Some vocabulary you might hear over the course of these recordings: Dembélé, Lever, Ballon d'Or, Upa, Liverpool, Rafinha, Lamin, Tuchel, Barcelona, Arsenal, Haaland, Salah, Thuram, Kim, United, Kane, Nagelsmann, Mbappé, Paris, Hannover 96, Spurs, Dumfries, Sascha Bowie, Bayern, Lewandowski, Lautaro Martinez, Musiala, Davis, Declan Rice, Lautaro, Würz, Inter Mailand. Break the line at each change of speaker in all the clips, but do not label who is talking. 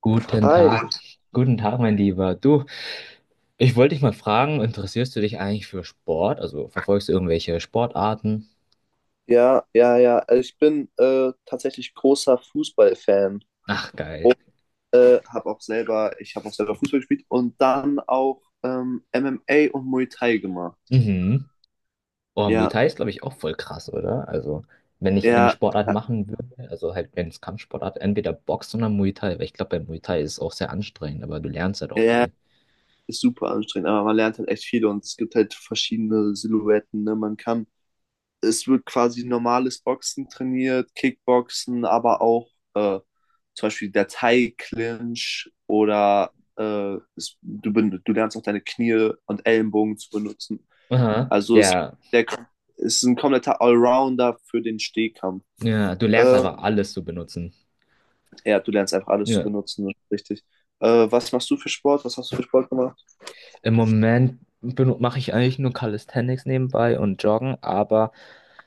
Guten
Hi,
Tag. Guten Tag, mein Lieber. Du, ich wollte dich mal fragen, interessierst du dich eigentlich für Sport? Also verfolgst du irgendwelche Sportarten?
ja, ja, ja. Also ich bin tatsächlich großer Fußballfan.
Ach, geil.
Ich habe auch selber Fußball gespielt und dann auch MMA und Muay Thai gemacht.
Mhm. Oh, Muay
Ja,
Thai ist, glaube ich, auch voll krass, oder? Also, wenn ich eine
ja,
Sportart machen würde, also halt, wenn es Kampfsportart, entweder Boxen oder Muay Thai, weil ich glaube, bei Muay Thai ist es auch sehr anstrengend, aber du lernst halt auch
ja,
viel.
ist super anstrengend, aber man lernt halt echt viel und es gibt halt verschiedene Silhouetten, ne? Man kann Es wird quasi normales Boxen trainiert, Kickboxen, aber auch zum Beispiel der Thai-Clinch oder du lernst auch deine Knie und Ellenbogen zu benutzen.
Aha.
Also es,
Ja.
der, Es ist ein kompletter Allrounder für den Stehkampf.
Ja, du lernst
Äh,
einfach alles zu benutzen.
ja, du lernst einfach alles zu
Ja.
benutzen, das ist richtig. Was machst du für Sport? Was hast du für Sport gemacht?
Im Moment mache ich eigentlich nur Calisthenics nebenbei und Joggen, aber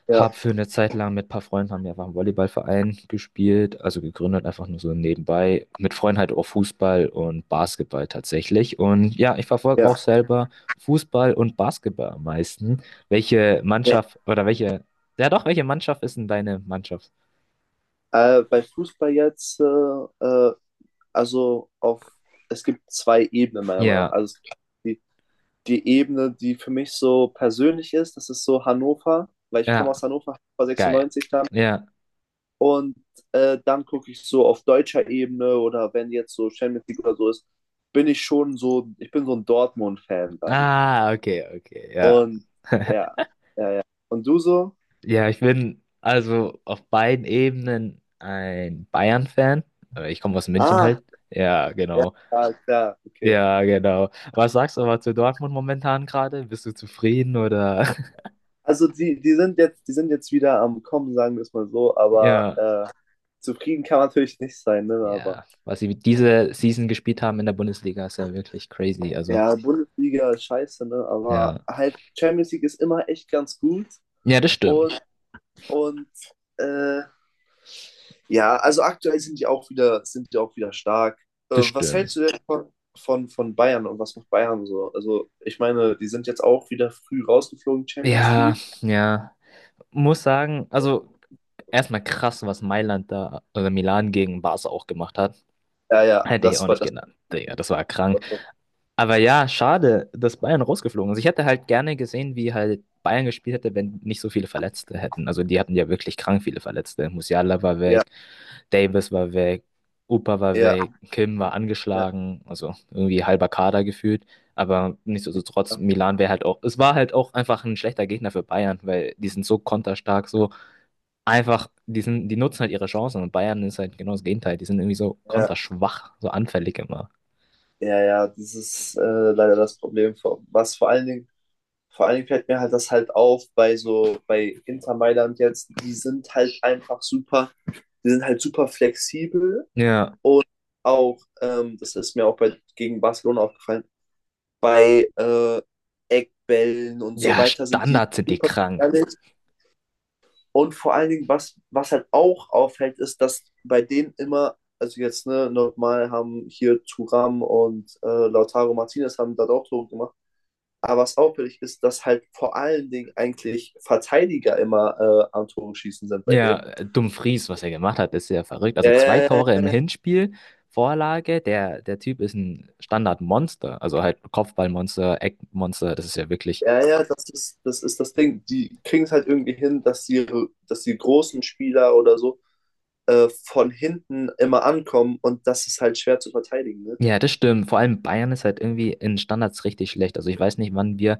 Ja,
habe für eine Zeit lang mit ein paar Freunden haben wir einfach einen Volleyballverein gespielt, also gegründet, einfach nur so nebenbei. Mit Freunden halt auch Fußball und Basketball tatsächlich. Und ja, ich verfolge auch
ja,
selber Fußball und Basketball am meisten. Welche
ja.
Mannschaft oder welche, ja doch, welche Mannschaft ist denn deine Mannschaft?
Bei Fußball jetzt äh, also auf, es gibt zwei Ebenen meiner Meinung nach.
Ja,
Also es gibt die, die Ebene, die für mich so persönlich ist, das ist so Hannover, weil ich komme
ja,
aus Hannover, Hannover
geil.
96 dann.
Ja.
Und dann gucke ich so auf deutscher Ebene, oder wenn jetzt so Champions League oder so ist, bin ich schon so, ich bin so ein Dortmund-Fan dann.
Ah, okay, okay, ja.
Und ja, und du so?
Ja, ich bin also auf beiden Ebenen ein Bayern-Fan. Ich komme aus München
Ah,
halt. Ja,
ja,
genau.
klar, okay.
Ja, genau. Was sagst du aber zu Dortmund momentan gerade? Bist du zufrieden oder?
Also die sind jetzt wieder am Kommen, sagen wir es mal so, aber
Ja,
zufrieden kann man natürlich nicht sein, ne? Aber
ja. Was sie diese Season gespielt haben in der Bundesliga ist ja wirklich crazy. Also,
ja, Bundesliga ist scheiße, ne? Aber
ja.
halt Champions League ist immer echt ganz gut.
Ja, das stimmt.
Und, und äh, ja, also aktuell sind die auch wieder, sind die auch wieder stark.
Das
Was
stimmt.
hältst du denn von Bayern, und was macht Bayern so? Also, ich meine, die sind jetzt auch wieder früh rausgeflogen, Champions
Ja,
League.
ja. Muss sagen, also erstmal krass, was Mailand da oder Milan gegen Barca auch gemacht hat.
Ja, ja,
Hätte ich auch nicht
das.
genannt. Digga, das war krank.
War,
Aber ja, schade, dass Bayern rausgeflogen ist. Ich hätte halt gerne gesehen, wie halt Bayern gespielt hätte, wenn nicht so viele Verletzte hätten. Also die hatten ja wirklich krank viele Verletzte. Musiala war
ja,
weg, Davis war weg, Upa war
ja,
weg, Kim war
ja.
angeschlagen, also irgendwie halber Kader gefühlt. Aber nichtsdestotrotz,
Ja.
Milan wäre halt auch, es war halt auch einfach ein schlechter Gegner für Bayern, weil die sind so konterstark, so einfach, die sind, die nutzen halt ihre Chancen und Bayern ist halt genau das Gegenteil. Die sind irgendwie so
Ja,
konterschwach, so anfällig immer.
ja, ja, das ist leider das Problem. Vor- Was vor allen Dingen, Vor allen Dingen fällt mir halt das halt auf bei so, bei Inter Mailand jetzt, die sind halt einfach super, die sind halt super flexibel
Ja,
und auch, das ist mir auch bei, gegen Barcelona aufgefallen, bei Eckbällen und so
ja,
weiter sind die
Standards sind die
super
krank.
gefährlich. Und vor allen Dingen, was halt auch auffällt, ist, dass bei denen immer, also jetzt, ne, normal haben hier Thuram und Lautaro Martinez haben da auch Tore gemacht. Aber was auffällig ist, dass halt vor allen Dingen eigentlich Verteidiger immer am Tore schießen sind bei
Ja,
denen.
Dumfries, was er gemacht hat, ist ja verrückt. Also zwei
Äh,
Tore im Hinspiel, Vorlage. Der, der Typ ist ein Standardmonster. Also halt Kopfballmonster, Eckmonster. Das ist ja wirklich.
ja, ja, ja, ja, ja, das ist das Ding. Die kriegen es halt irgendwie hin, dass die großen Spieler oder so von hinten immer ankommen, und das ist halt schwer zu verteidigen. Ne?
Ja, das stimmt. Vor allem Bayern ist halt irgendwie in Standards richtig schlecht. Also ich weiß nicht, wann wir.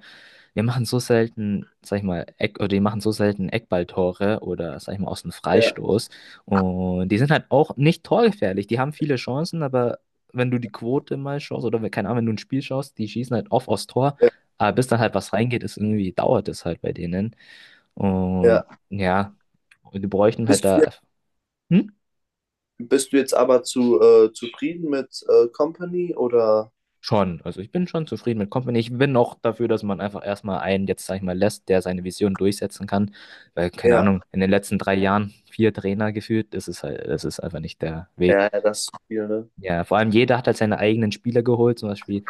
Wir machen so selten, sag ich mal, Eck, oder die machen so selten Eckballtore oder, sag ich mal, aus dem
Ja,
Freistoß. Und die sind halt auch nicht torgefährlich. Die haben viele Chancen, aber wenn du die Quote mal schaust oder keine Ahnung, wenn du ein Spiel schaust, die schießen halt oft aus Tor.
ja,
Aber bis dann halt was reingeht, ist irgendwie, dauert es halt bei denen. Und
ja.
ja, und die bräuchten halt
Bist, du-
da. Hm?
Bist du jetzt aber zu zufrieden mit Company oder?
Schon, also ich bin schon zufrieden mit Company. Ich bin auch dafür, dass man einfach erstmal einen, jetzt sag ich mal, lässt, der seine Vision durchsetzen kann. Weil, keine
Ja,
Ahnung, in den letzten drei Jahren vier Trainer geführt, das ist halt, das ist einfach nicht der Weg.
ja, ja, das ist viel, ne?
Ja, vor allem jeder hat halt seine eigenen Spieler geholt, zum Beispiel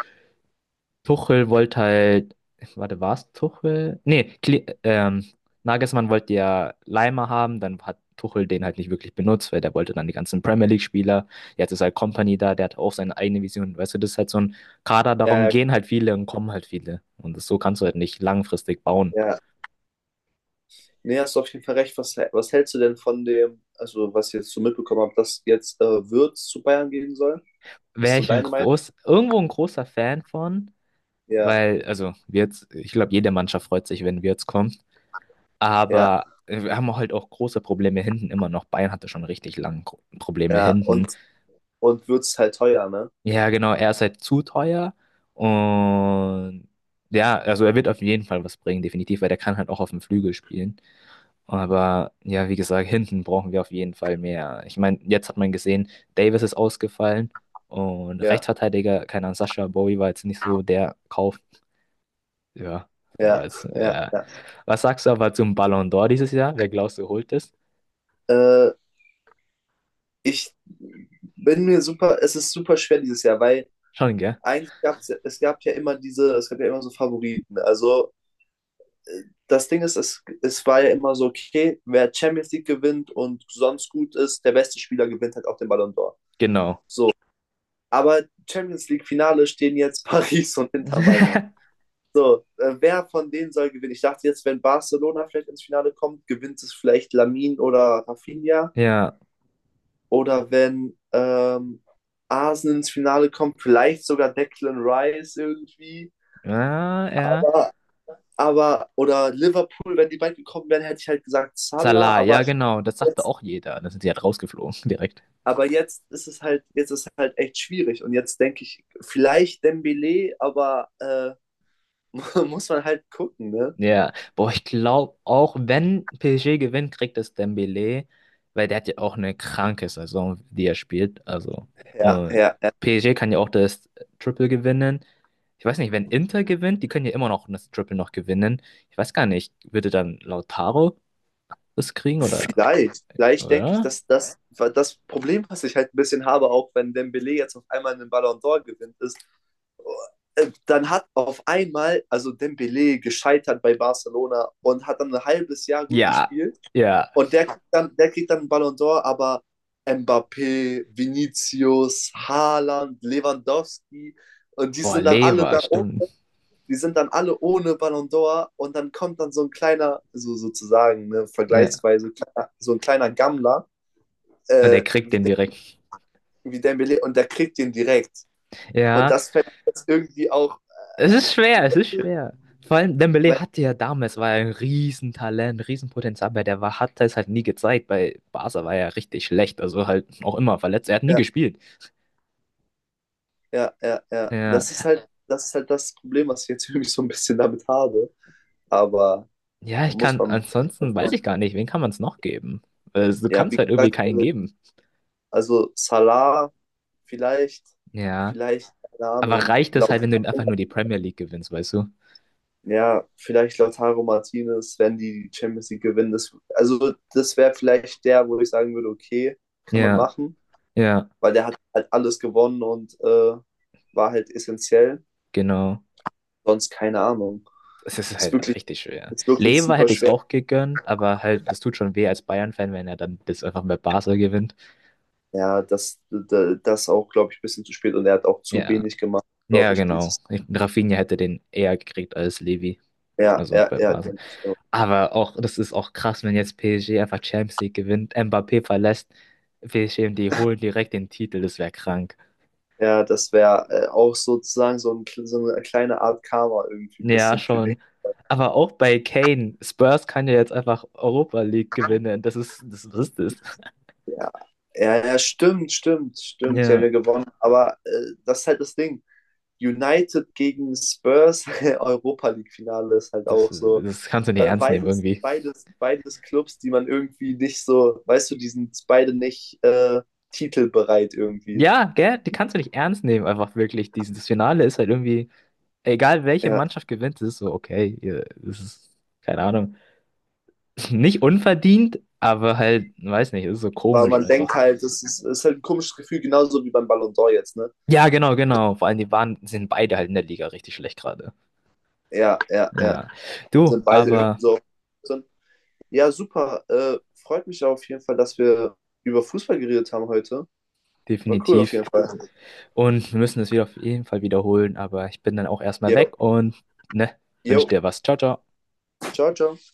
Tuchel wollte halt, warte, war es Tuchel? Nee, Kli Nagelsmann wollte ja Leimer haben, dann hat Tuchel den halt nicht wirklich benutzt, weil der wollte dann die ganzen Premier League-Spieler. Jetzt ist halt Kompany da, der hat auch seine eigene Vision. Weißt du, das ist halt so ein Kader, darum
Ja, ja,
gehen halt viele und kommen halt viele. Und das, so kannst du halt nicht langfristig bauen.
ja. Nee, hast du auf jeden Fall recht. Was hältst du denn von dem, also was ich jetzt so mitbekommen habe, dass jetzt Würz zu Bayern gehen soll? Ist
Wäre
so
ich ein
deine Meinung?
groß, irgendwo ein großer Fan von,
Ja,
weil, also, wir jetzt, ich glaube, jede Mannschaft freut sich, wenn wir jetzt kommen.
ja,
Aber wir haben halt auch große Probleme hinten immer noch. Bayern hatte schon richtig lange Probleme
ja.
hinten.
Und Würz ist halt teuer, ne?
Ja, genau, er ist halt zu teuer. Und ja, also er wird auf jeden Fall was bringen, definitiv, weil der kann halt auch auf dem Flügel spielen. Aber ja, wie gesagt, hinten brauchen wir auf jeden Fall mehr. Ich meine, jetzt hat man gesehen, Davis ist ausgefallen und
Ja,
Rechtsverteidiger, keine Ahnung, Sascha Bowie war jetzt nicht so der Kauf. Ja, war
ja,
jetzt,
ja,
ja.
ja.
Was sagst du aber zum Ballon d'Or dieses Jahr? Wer glaubst du holt es?
Äh, ich bin mir super, Es ist super schwer dieses Jahr, weil
Schon, gell?
eigentlich gab es, es gab ja immer diese, es gab ja immer so Favoriten. Also das Ding ist, es war ja immer so, okay, wer Champions League gewinnt und sonst gut ist, der beste Spieler gewinnt halt auch den Ballon d'Or.
Genau.
So, aber Champions League Finale stehen jetzt Paris und Inter Mailand. So, wer von denen soll gewinnen? Ich dachte jetzt, wenn Barcelona vielleicht ins Finale kommt, gewinnt es vielleicht Lamin oder Rafinha.
Ja.
Oder wenn Arsenal ins Finale kommt, vielleicht sogar Declan Rice irgendwie.
Ja, ja.
Aber, oder Liverpool, wenn die beiden gekommen wären, hätte ich halt gesagt Salah,
Salah, ja,
aber
genau. Das sagte auch jeder. Dann sind sie halt rausgeflogen direkt.
Aber jetzt ist es halt, jetzt ist es halt echt schwierig. Und jetzt denke ich, vielleicht Dembélé, aber muss man halt gucken, ne?
Ja. Boah, ich glaube auch, wenn PSG gewinnt, kriegt es Dembélé, weil der hat ja auch eine kranke Saison, die er spielt. Also,
Ja,
und
ja, ja.
PSG kann ja auch das Triple gewinnen. Ich weiß nicht, wenn Inter gewinnt, die können ja immer noch das Triple noch gewinnen. Ich weiß gar nicht, würde dann Lautaro das kriegen oder,
Vielleicht denke ich,
oder?
das Problem, was ich halt ein bisschen habe, auch wenn Dembélé jetzt auf einmal einen Ballon d'Or gewinnt, ist, dann hat auf einmal, also Dembélé gescheitert bei Barcelona und hat dann ein halbes Jahr gut
Ja,
gespielt.
ja.
Und der kriegt dann einen Ballon d'Or, aber Mbappé, Vinicius, Haaland, Lewandowski und die
Boah,
sind dann alle
Lever,
da, oh,
stimmt.
die sind dann alle ohne Ballon d'Or, und dann kommt dann so ein kleiner, so sozusagen, ne,
Ja.
vergleichsweise kleiner, so ein kleiner Gammler
Und er
äh,
kriegt
wie,
den
De-
direkt.
wie Dembélé, und der kriegt den direkt. Und
Ja,
das fällt jetzt irgendwie auch,
es ist schwer, es ist schwer. Vor allem Dembélé
weil,
hatte ja damals, war er ein Riesentalent, Riesenpotenzial, aber der war, hat es halt nie gezeigt. Bei Barca war er richtig schlecht, also halt auch immer verletzt. Er hat nie
ja,
gespielt.
ja, ja, ja,
Ja,
das ist halt das Problem, was ich jetzt irgendwie so ein bisschen damit habe, aber
ja, ich
muss
kann,
man, muss
ansonsten weiß
man.
ich gar nicht, wen kann man es noch geben? Also, du
Ja,
kannst
wie
halt irgendwie
gesagt,
keinen geben.
also Salah vielleicht,
Ja,
vielleicht, keine
aber
Ahnung,
reicht es
laut,
halt, wenn du einfach nur die Premier League gewinnst, weißt du?
ja, vielleicht Lautaro Martinez, wenn die die Champions League gewinnen. Das, also das wäre vielleicht der, wo ich sagen würde, okay, kann man
Ja,
machen,
ja,
weil der hat halt alles gewonnen und war halt essentiell.
genau.
Sonst keine Ahnung.
Es ist
Ist
halt
wirklich,
richtig schwer.
Ist wirklich
Lever
super
hätte ich es
schwer.
auch gegönnt, aber halt, das tut schon weh als Bayern-Fan, wenn er dann das einfach mit Basel gewinnt.
Ja, das auch, glaube ich, ein bisschen zu spät, und er hat auch zu
Ja,
wenig gemacht, glaube
ja,
ich,
genau.
dieses.
Ich, Rafinha hätte den eher gekriegt als Levi.
Ja,
Also
ja,
bei
ja,
Basel.
denke ich.
Aber auch, das ist auch krass, wenn jetzt PSG einfach Champions League gewinnt, Mbappé verlässt, PSG und die holen direkt den Titel, das wäre krank.
Ja, das wäre auch sozusagen so, so eine kleine Art Karma irgendwie ein
Ja,
bisschen für den.
schon. Aber auch bei Kane, Spurs kann ja jetzt einfach Europa League gewinnen. Das ist, das, was ist das?
Ja, ja, ja, stimmt, stimmt, stimmt. Die haben
Ja,
ja gewonnen. Aber das ist halt das Ding. United gegen Spurs, Europa League-Finale ist halt
das,
auch so.
das kannst du nicht
Also
ernst nehmen
beides,
irgendwie.
beides, beides Clubs, die man irgendwie nicht so, weißt du, die sind beide nicht titelbereit irgendwie.
Ja, gell? Die kannst du nicht ernst nehmen, einfach wirklich. Dieses das Finale ist halt irgendwie, egal welche
Ja,
Mannschaft gewinnt, es ist so, okay, es ist, keine Ahnung, nicht unverdient, aber halt, weiß nicht, es ist so
weil
komisch
man denkt
einfach.
halt, ist halt ein komisches Gefühl, genauso wie beim Ballon d'Or jetzt, ne?
Ja, genau, genau. Vor allem, die waren, sind beide halt in der Liga richtig schlecht gerade.
Ja, ja, ja.
Ja. Du,
Sind beide irgendwie
aber
so. Ja, super. Freut mich auf jeden Fall, dass wir über Fußball geredet haben heute. War cool auf
definitiv.
jeden Fall.
Und wir müssen das wieder auf jeden Fall wiederholen, aber ich bin dann auch erstmal
Jo,
weg und, ne,
jo,
wünsch dir was. Ciao, ciao.
ciao, ciao.